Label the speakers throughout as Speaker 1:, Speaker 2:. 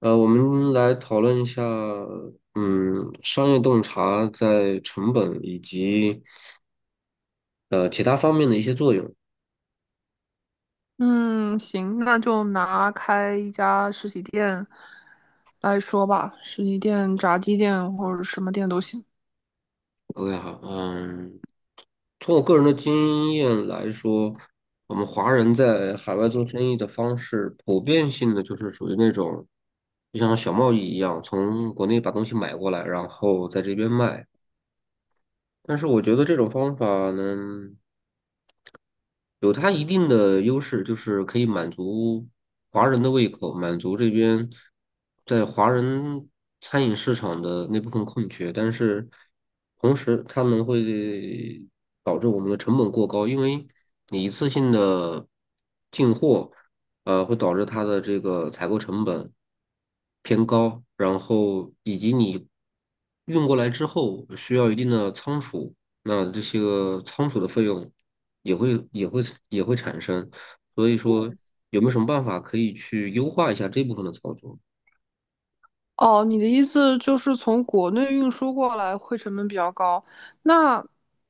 Speaker 1: 我们来讨论一下，商业洞察在成本以及其他方面的一些作用。
Speaker 2: 嗯，行，那就拿开一家实体店来说吧，实体店、炸鸡店或者什么店都行。
Speaker 1: OK，好，从我个人的经验来说，我们华人在海外做生意的方式，普遍性的就是属于那种，就像小贸易一样，从国内把东西买过来，然后在这边卖。但是我觉得这种方法呢，有它一定的优势，就是可以满足华人的胃口，满足这边在华人餐饮市场的那部分空缺。但是同时，它们会导致我们的成本过高，因为你一次性的进货，会导致它的这个采购成本偏高，然后以及你运过来之后需要一定的仓储，那这些个仓储的费用，也会也会也会产生，所以说有没有什么办法可以去优化一下这部分的操作？
Speaker 2: 哦，你的意思就是从国内运输过来会成本比较高，那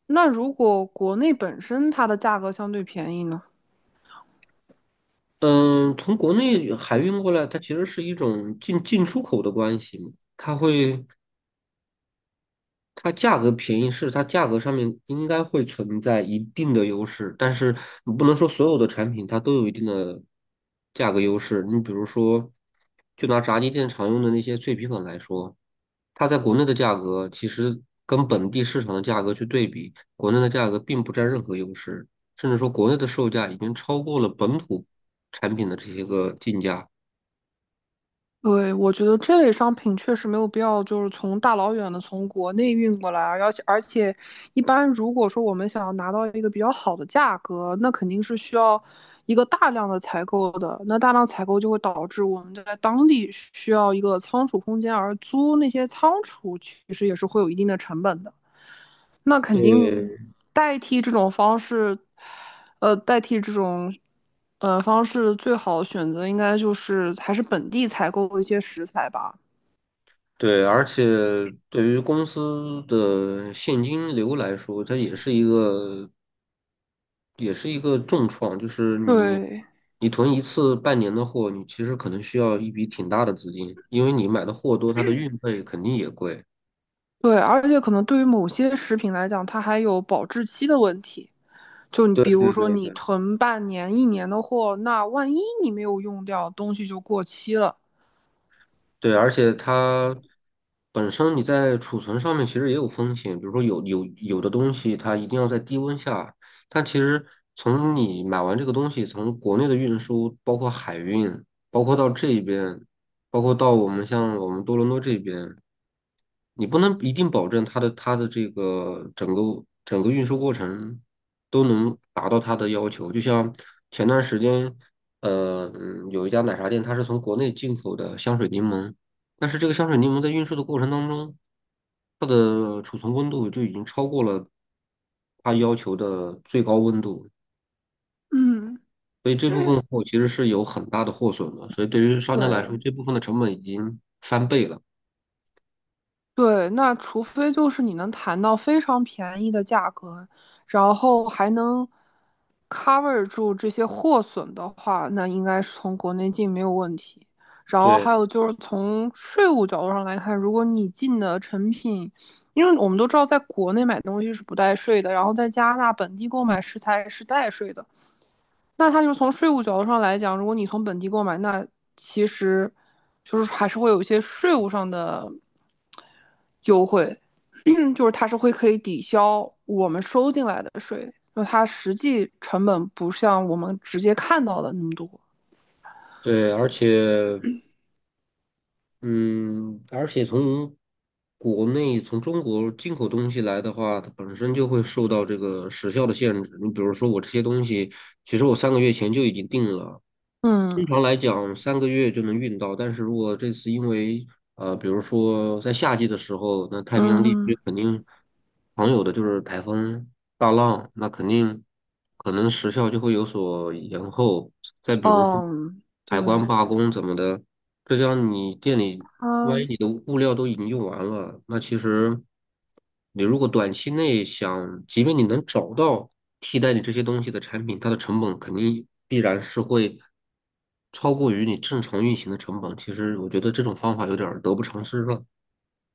Speaker 2: 那如果国内本身它的价格相对便宜呢？
Speaker 1: 嗯，从国内海运过来，它其实是一种出口的关系嘛。它会它价格便宜是它价格上面应该会存在一定的优势，但是你不能说所有的产品它都有一定的价格优势。你比如说，就拿炸鸡店常用的那些脆皮粉来说，它在国内的价格其实跟本地市场的价格去对比，国内的价格并不占任何优势，甚至说国内的售价已经超过了本土产品的这些个进价。
Speaker 2: 对，我觉得这类商品确实没有必要，就是从大老远的从国内运过来，而且，一般如果说我们想要拿到一个比较好的价格，那肯定是需要一个大量的采购的。那大量采购就会导致我们在当地需要一个仓储空间，而租那些仓储其实也是会有一定的成本的。那肯定
Speaker 1: 对，
Speaker 2: 代替这种方式，呃，代替这种呃方式最好的选择应该就是还是本地采购一些食材吧。
Speaker 1: 对，而且对于公司的现金流来说，它也是一个重创。就是你
Speaker 2: 对
Speaker 1: 你囤一次半年的货，你其实可能需要一笔挺大的资金，因为你买的货多，它的运费肯定也贵。
Speaker 2: 对，而且可能对于某些食品来讲，它还有保质期的问题。就你
Speaker 1: 对
Speaker 2: 比如
Speaker 1: 对
Speaker 2: 说
Speaker 1: 对
Speaker 2: 你
Speaker 1: 对
Speaker 2: 囤半年、一年的货，那万一你没有用掉，东西就过期了。
Speaker 1: 对，而且它本身你在储存上面其实也有风险，比如说有的东西它一定要在低温下，但其实从你买完这个东西，从国内的运输，包括海运，包括到这边，包括到我们像我们多伦多这边。你不能一定保证它的这个整个运输过程都能达到它的要求。就像前段时间，有一家奶茶店，它是从国内进口的香水柠檬，但是这个香水柠檬在运输的过程当中，它的储存温度就已经超过了它要求的最高温度，
Speaker 2: 嗯，
Speaker 1: 所以这部分货其实是有很大的货损的。所以对于商家来说，
Speaker 2: 对。
Speaker 1: 这部分的成本已经翻倍了。
Speaker 2: 对，那除非就是你能谈到非常便宜的价格，然后还能 cover 住这些货损的话，那应该是从国内进没有问题。然后
Speaker 1: 对
Speaker 2: 还有就是从税务角度上来看，如果你进的成品，因为我们都知道在国内买东西是不带税的，然后在加拿大本地购买食材是带税的。那它就是从税务角度上来讲，如果你从本地购买，那其实就是还是会有一些税务上的优惠，就是它是会可以抵消我们收进来的税，就它实际成本不像我们直接看到的那么多。
Speaker 1: 对。而且从国内从中国进口东西来的话，它本身就会受到这个时效的限制。你比如说，我这些东西，其实我三个月前就已经定了，通
Speaker 2: 嗯
Speaker 1: 常来讲，三个月就能运到，但是如果这次因为比如说在夏季的时候，那太平洋地
Speaker 2: 嗯
Speaker 1: 区肯定常有的就是台风、大浪，那肯定可能时效就会有所延后。再比如说
Speaker 2: 嗯，
Speaker 1: 海关罢工怎么的，这样你店里万
Speaker 2: 它
Speaker 1: 一你的物料都已经用完了，那其实。你如果短期内想，即便你能找到替代你这些东西的产品，它的成本肯定必然是会超过于你正常运行的成本。其实我觉得这种方法有点儿得不偿失了。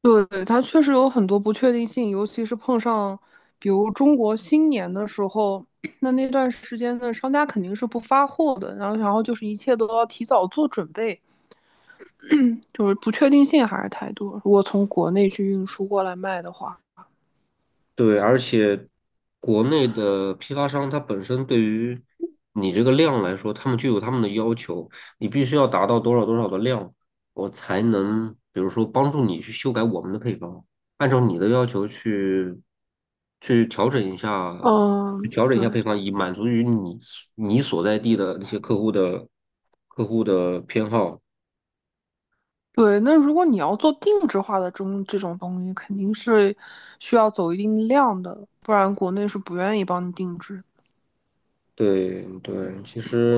Speaker 2: 对，它确实有很多不确定性，尤其是碰上，比如中国新年的时候，那段时间的商家肯定是不发货的，然后就是一切都要提早做准备，就是不确定性还是太多。如果从国内去运输过来卖的话，
Speaker 1: 对，而且国内的批发商它本身对于你这个量来说，他们就有他们的要求，你必须要达到多少多少的量，我才能比如说帮助你去修改我们的配方，按照你的要求去调整一下，去
Speaker 2: 嗯，
Speaker 1: 调整一下
Speaker 2: 对
Speaker 1: 配方，以满足于你所在地的那些客户的偏好。
Speaker 2: 对，那如果你要做定制化的这种东西，肯定是需要走一定量的，不然国内是不愿意帮你定制。
Speaker 1: 对对，其实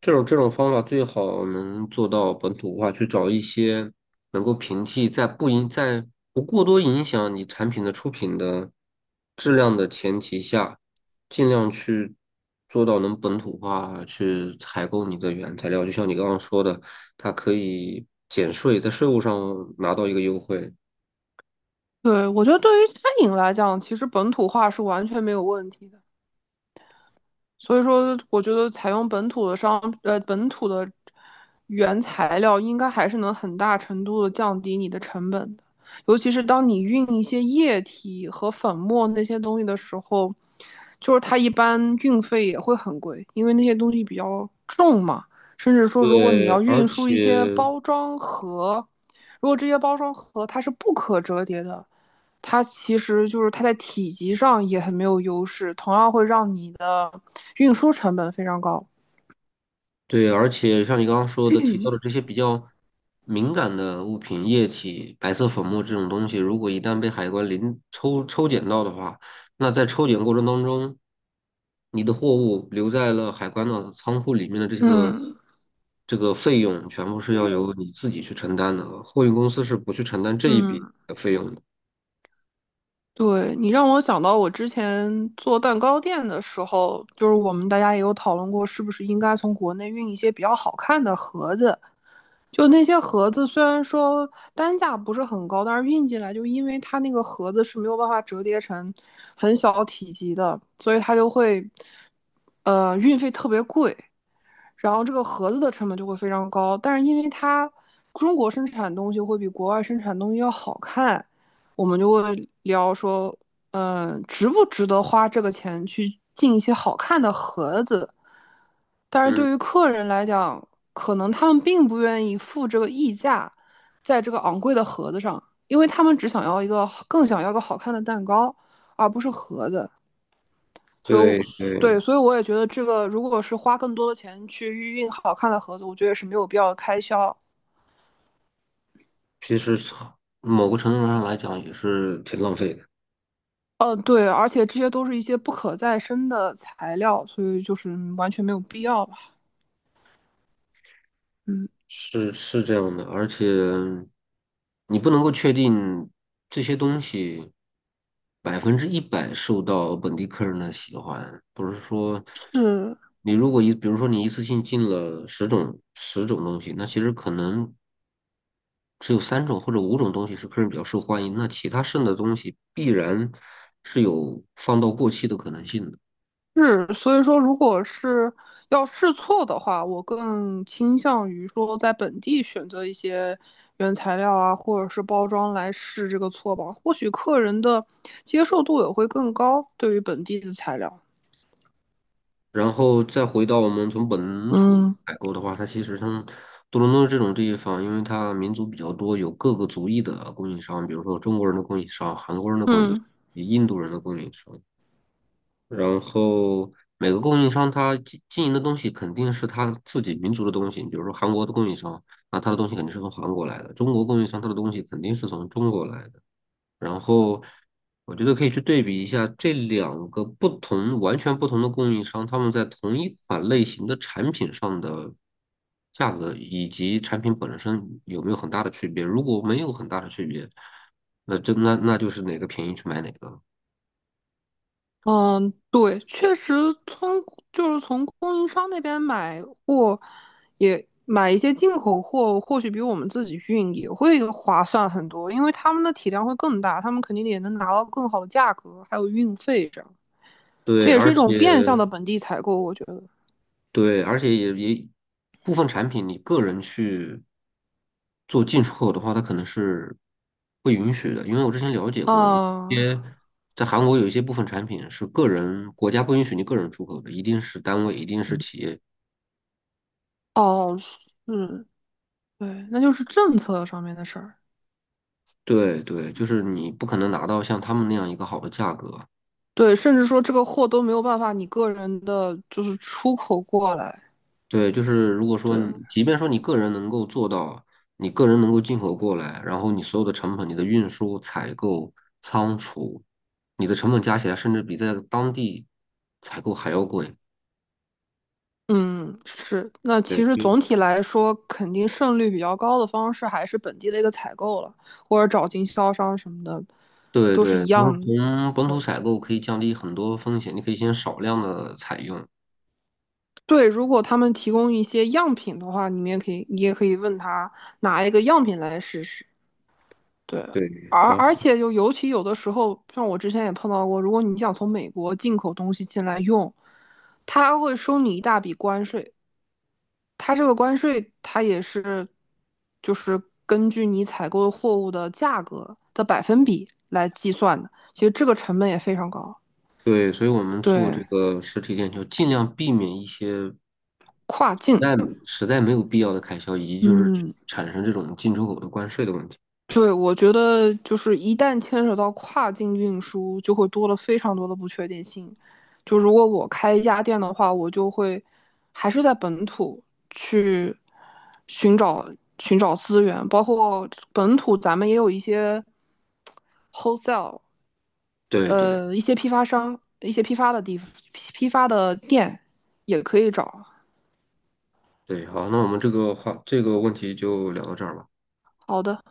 Speaker 1: 这种方法最好能做到本土化，去找一些能够平替在不过多影响你产品的出品的质量的前提下，尽量去做到能本土化去采购你的原材料。就像你刚刚说的，它可以减税，在税务上拿到一个优惠。
Speaker 2: 对，我觉得对于餐饮来讲，其实本土化是完全没有问题的。所以说，我觉得采用本土的商，本土的原材料，应该还是能很大程度的降低你的成本的。尤其是当你运一些液体和粉末那些东西的时候，就是它一般运费也会很贵，因为那些东西比较重嘛。甚至说，如果你
Speaker 1: 对，
Speaker 2: 要
Speaker 1: 而
Speaker 2: 运输一
Speaker 1: 且
Speaker 2: 些包装盒，如果这些包装盒它是不可折叠的，它其实就是它在体积上也很没有优势，同样会让你的运输成本非常高。
Speaker 1: 对，而且像你刚刚说的提到的这些比较敏感的物品、液体、白色粉末这种东西，如果一旦被海关抽检到的话，那在抽检过程当中，你的货物留在了海关的仓库里面的
Speaker 2: 嗯
Speaker 1: 这个费用，全部是要由你自己去承担的，货运公司是不去承担这一笔
Speaker 2: 嗯，
Speaker 1: 的费用的。
Speaker 2: 对，你让我想到我之前做蛋糕店的时候，就是我们大家也有讨论过，是不是应该从国内运一些比较好看的盒子。就那些盒子，虽然说单价不是很高，但是运进来就因为它那个盒子是没有办法折叠成很小体积的，所以它就会，运费特别贵。然后这个盒子的成本就会非常高。但是因为它中国生产东西会比国外生产东西要好看，我们就会聊说，嗯，值不值得花这个钱去进一些好看的盒子？但是
Speaker 1: 嗯，
Speaker 2: 对于客人来讲，可能他们并不愿意付这个溢价，在这个昂贵的盒子上，因为他们只想要一个更想要个好看的蛋糕，而不是盒子。所以
Speaker 1: 对对，
Speaker 2: 对，所以我也觉得这个如果是花更多的钱去预印好看的盒子，我觉得也是没有必要的开销。
Speaker 1: 其实从某个程度上来讲也是挺浪费的。
Speaker 2: 对，而且这些都是一些不可再生的材料，所以就是完全没有必要吧。嗯，
Speaker 1: 是这样的，而且你不能够确定这些东西100%受到本地客人的喜欢，不是说
Speaker 2: 是
Speaker 1: 你如果一，比如说你一次性进了十种东西，那其实可能只有3种或者5种东西是客人比较受欢迎，那其他剩的东西必然是有放到过期的可能性的。
Speaker 2: 是，所以说如果是要试错的话，我更倾向于说在本地选择一些原材料啊，或者是包装来试这个错吧，或许客人的接受度也会更高，对于本地的材料。
Speaker 1: 然后再回到我们从本土
Speaker 2: 嗯
Speaker 1: 采购的话，它其实像多伦多这种地方，因为它民族比较多，有各个族裔的供应商，比如说中国人的供应商、韩国人的供应商、
Speaker 2: 嗯。
Speaker 1: 印度人的供应商，然后每个供应商他营的东西肯定是他自己民族的东西，比如说韩国的供应商，那他的东西肯定是从韩国来的；中国供应商他的东西肯定是从中国来的。然后我觉得可以去对比一下这两个不同、完全不同的供应商，他们在同一款类型的产品上的价格以及产品本身有没有很大的区别。如果没有很大的区别，那真那那就是哪个便宜去买哪个。
Speaker 2: 嗯，对，确实从就是从供应商那边买货，也买一些进口货，或许比我们自己运也会划算很多，因为他们的体量会更大，他们肯定也能拿到更好的价格，还有运费这样，这
Speaker 1: 对，
Speaker 2: 也
Speaker 1: 而
Speaker 2: 是一
Speaker 1: 且
Speaker 2: 种变相的本地采购，我觉得。
Speaker 1: 对，而且也部分产品，你个人去做进出口的话，它可能是不允许的，因为我之前了解过，
Speaker 2: 啊，
Speaker 1: 些在韩国有一些部分产品是个人国家不允许你个人出口的，一定是单位，一定是企业。
Speaker 2: 哦，是，对，那就是政策上面的事儿，
Speaker 1: 对对，就是你不可能拿到像他们那样一个好的价格。
Speaker 2: 对，甚至说这个货都没有办法你个人的就是出口过来，
Speaker 1: 对，就是如果说
Speaker 2: 对。
Speaker 1: 你即便说你个人能够做到，你个人能够进口过来，然后你所有的成本，你的运输、采购、仓储，你的成本加起来，甚至比在当地采购还要贵。
Speaker 2: 嗯，是。那其
Speaker 1: 对，
Speaker 2: 实
Speaker 1: 对
Speaker 2: 总体来说，肯定胜率比较高的方式还是本地的一个采购了，或者找经销商什么的，
Speaker 1: 对
Speaker 2: 都是
Speaker 1: 对，
Speaker 2: 一
Speaker 1: 就
Speaker 2: 样
Speaker 1: 是
Speaker 2: 的。
Speaker 1: 从本土
Speaker 2: 对，
Speaker 1: 采购可以降低很多风险，你可以先少量的采用。
Speaker 2: 对，如果他们提供一些样品的话，你们也可以，你也可以问他拿一个样品来试试。对，
Speaker 1: 对，
Speaker 2: 而
Speaker 1: 好，
Speaker 2: 而且就尤其有的时候，像我之前也碰到过，如果你想从美国进口东西进来用，他会收你一大笔关税。它这个关税，它也是就是根据你采购的货物的价格的百分比来计算的。其实这个成本也非常高。
Speaker 1: 对，所以我们做这
Speaker 2: 对，
Speaker 1: 个实体店就尽量避免一些
Speaker 2: 跨
Speaker 1: 在
Speaker 2: 境，
Speaker 1: 实在没有必要的开销，以及就是
Speaker 2: 嗯，
Speaker 1: 产生这种进出口的关税的问题。
Speaker 2: 对，我觉得就是一旦牵扯到跨境运输，就会多了非常多的不确定性。就如果我开一家店的话，我就会还是在本土去寻找寻找资源，包括本土咱们也有一些 wholesale。
Speaker 1: 对对。
Speaker 2: 一些批发商、一些批发的地批发的店也可以找。
Speaker 1: 对，好，那我们这个这个问题就聊到这儿吧。
Speaker 2: 好的。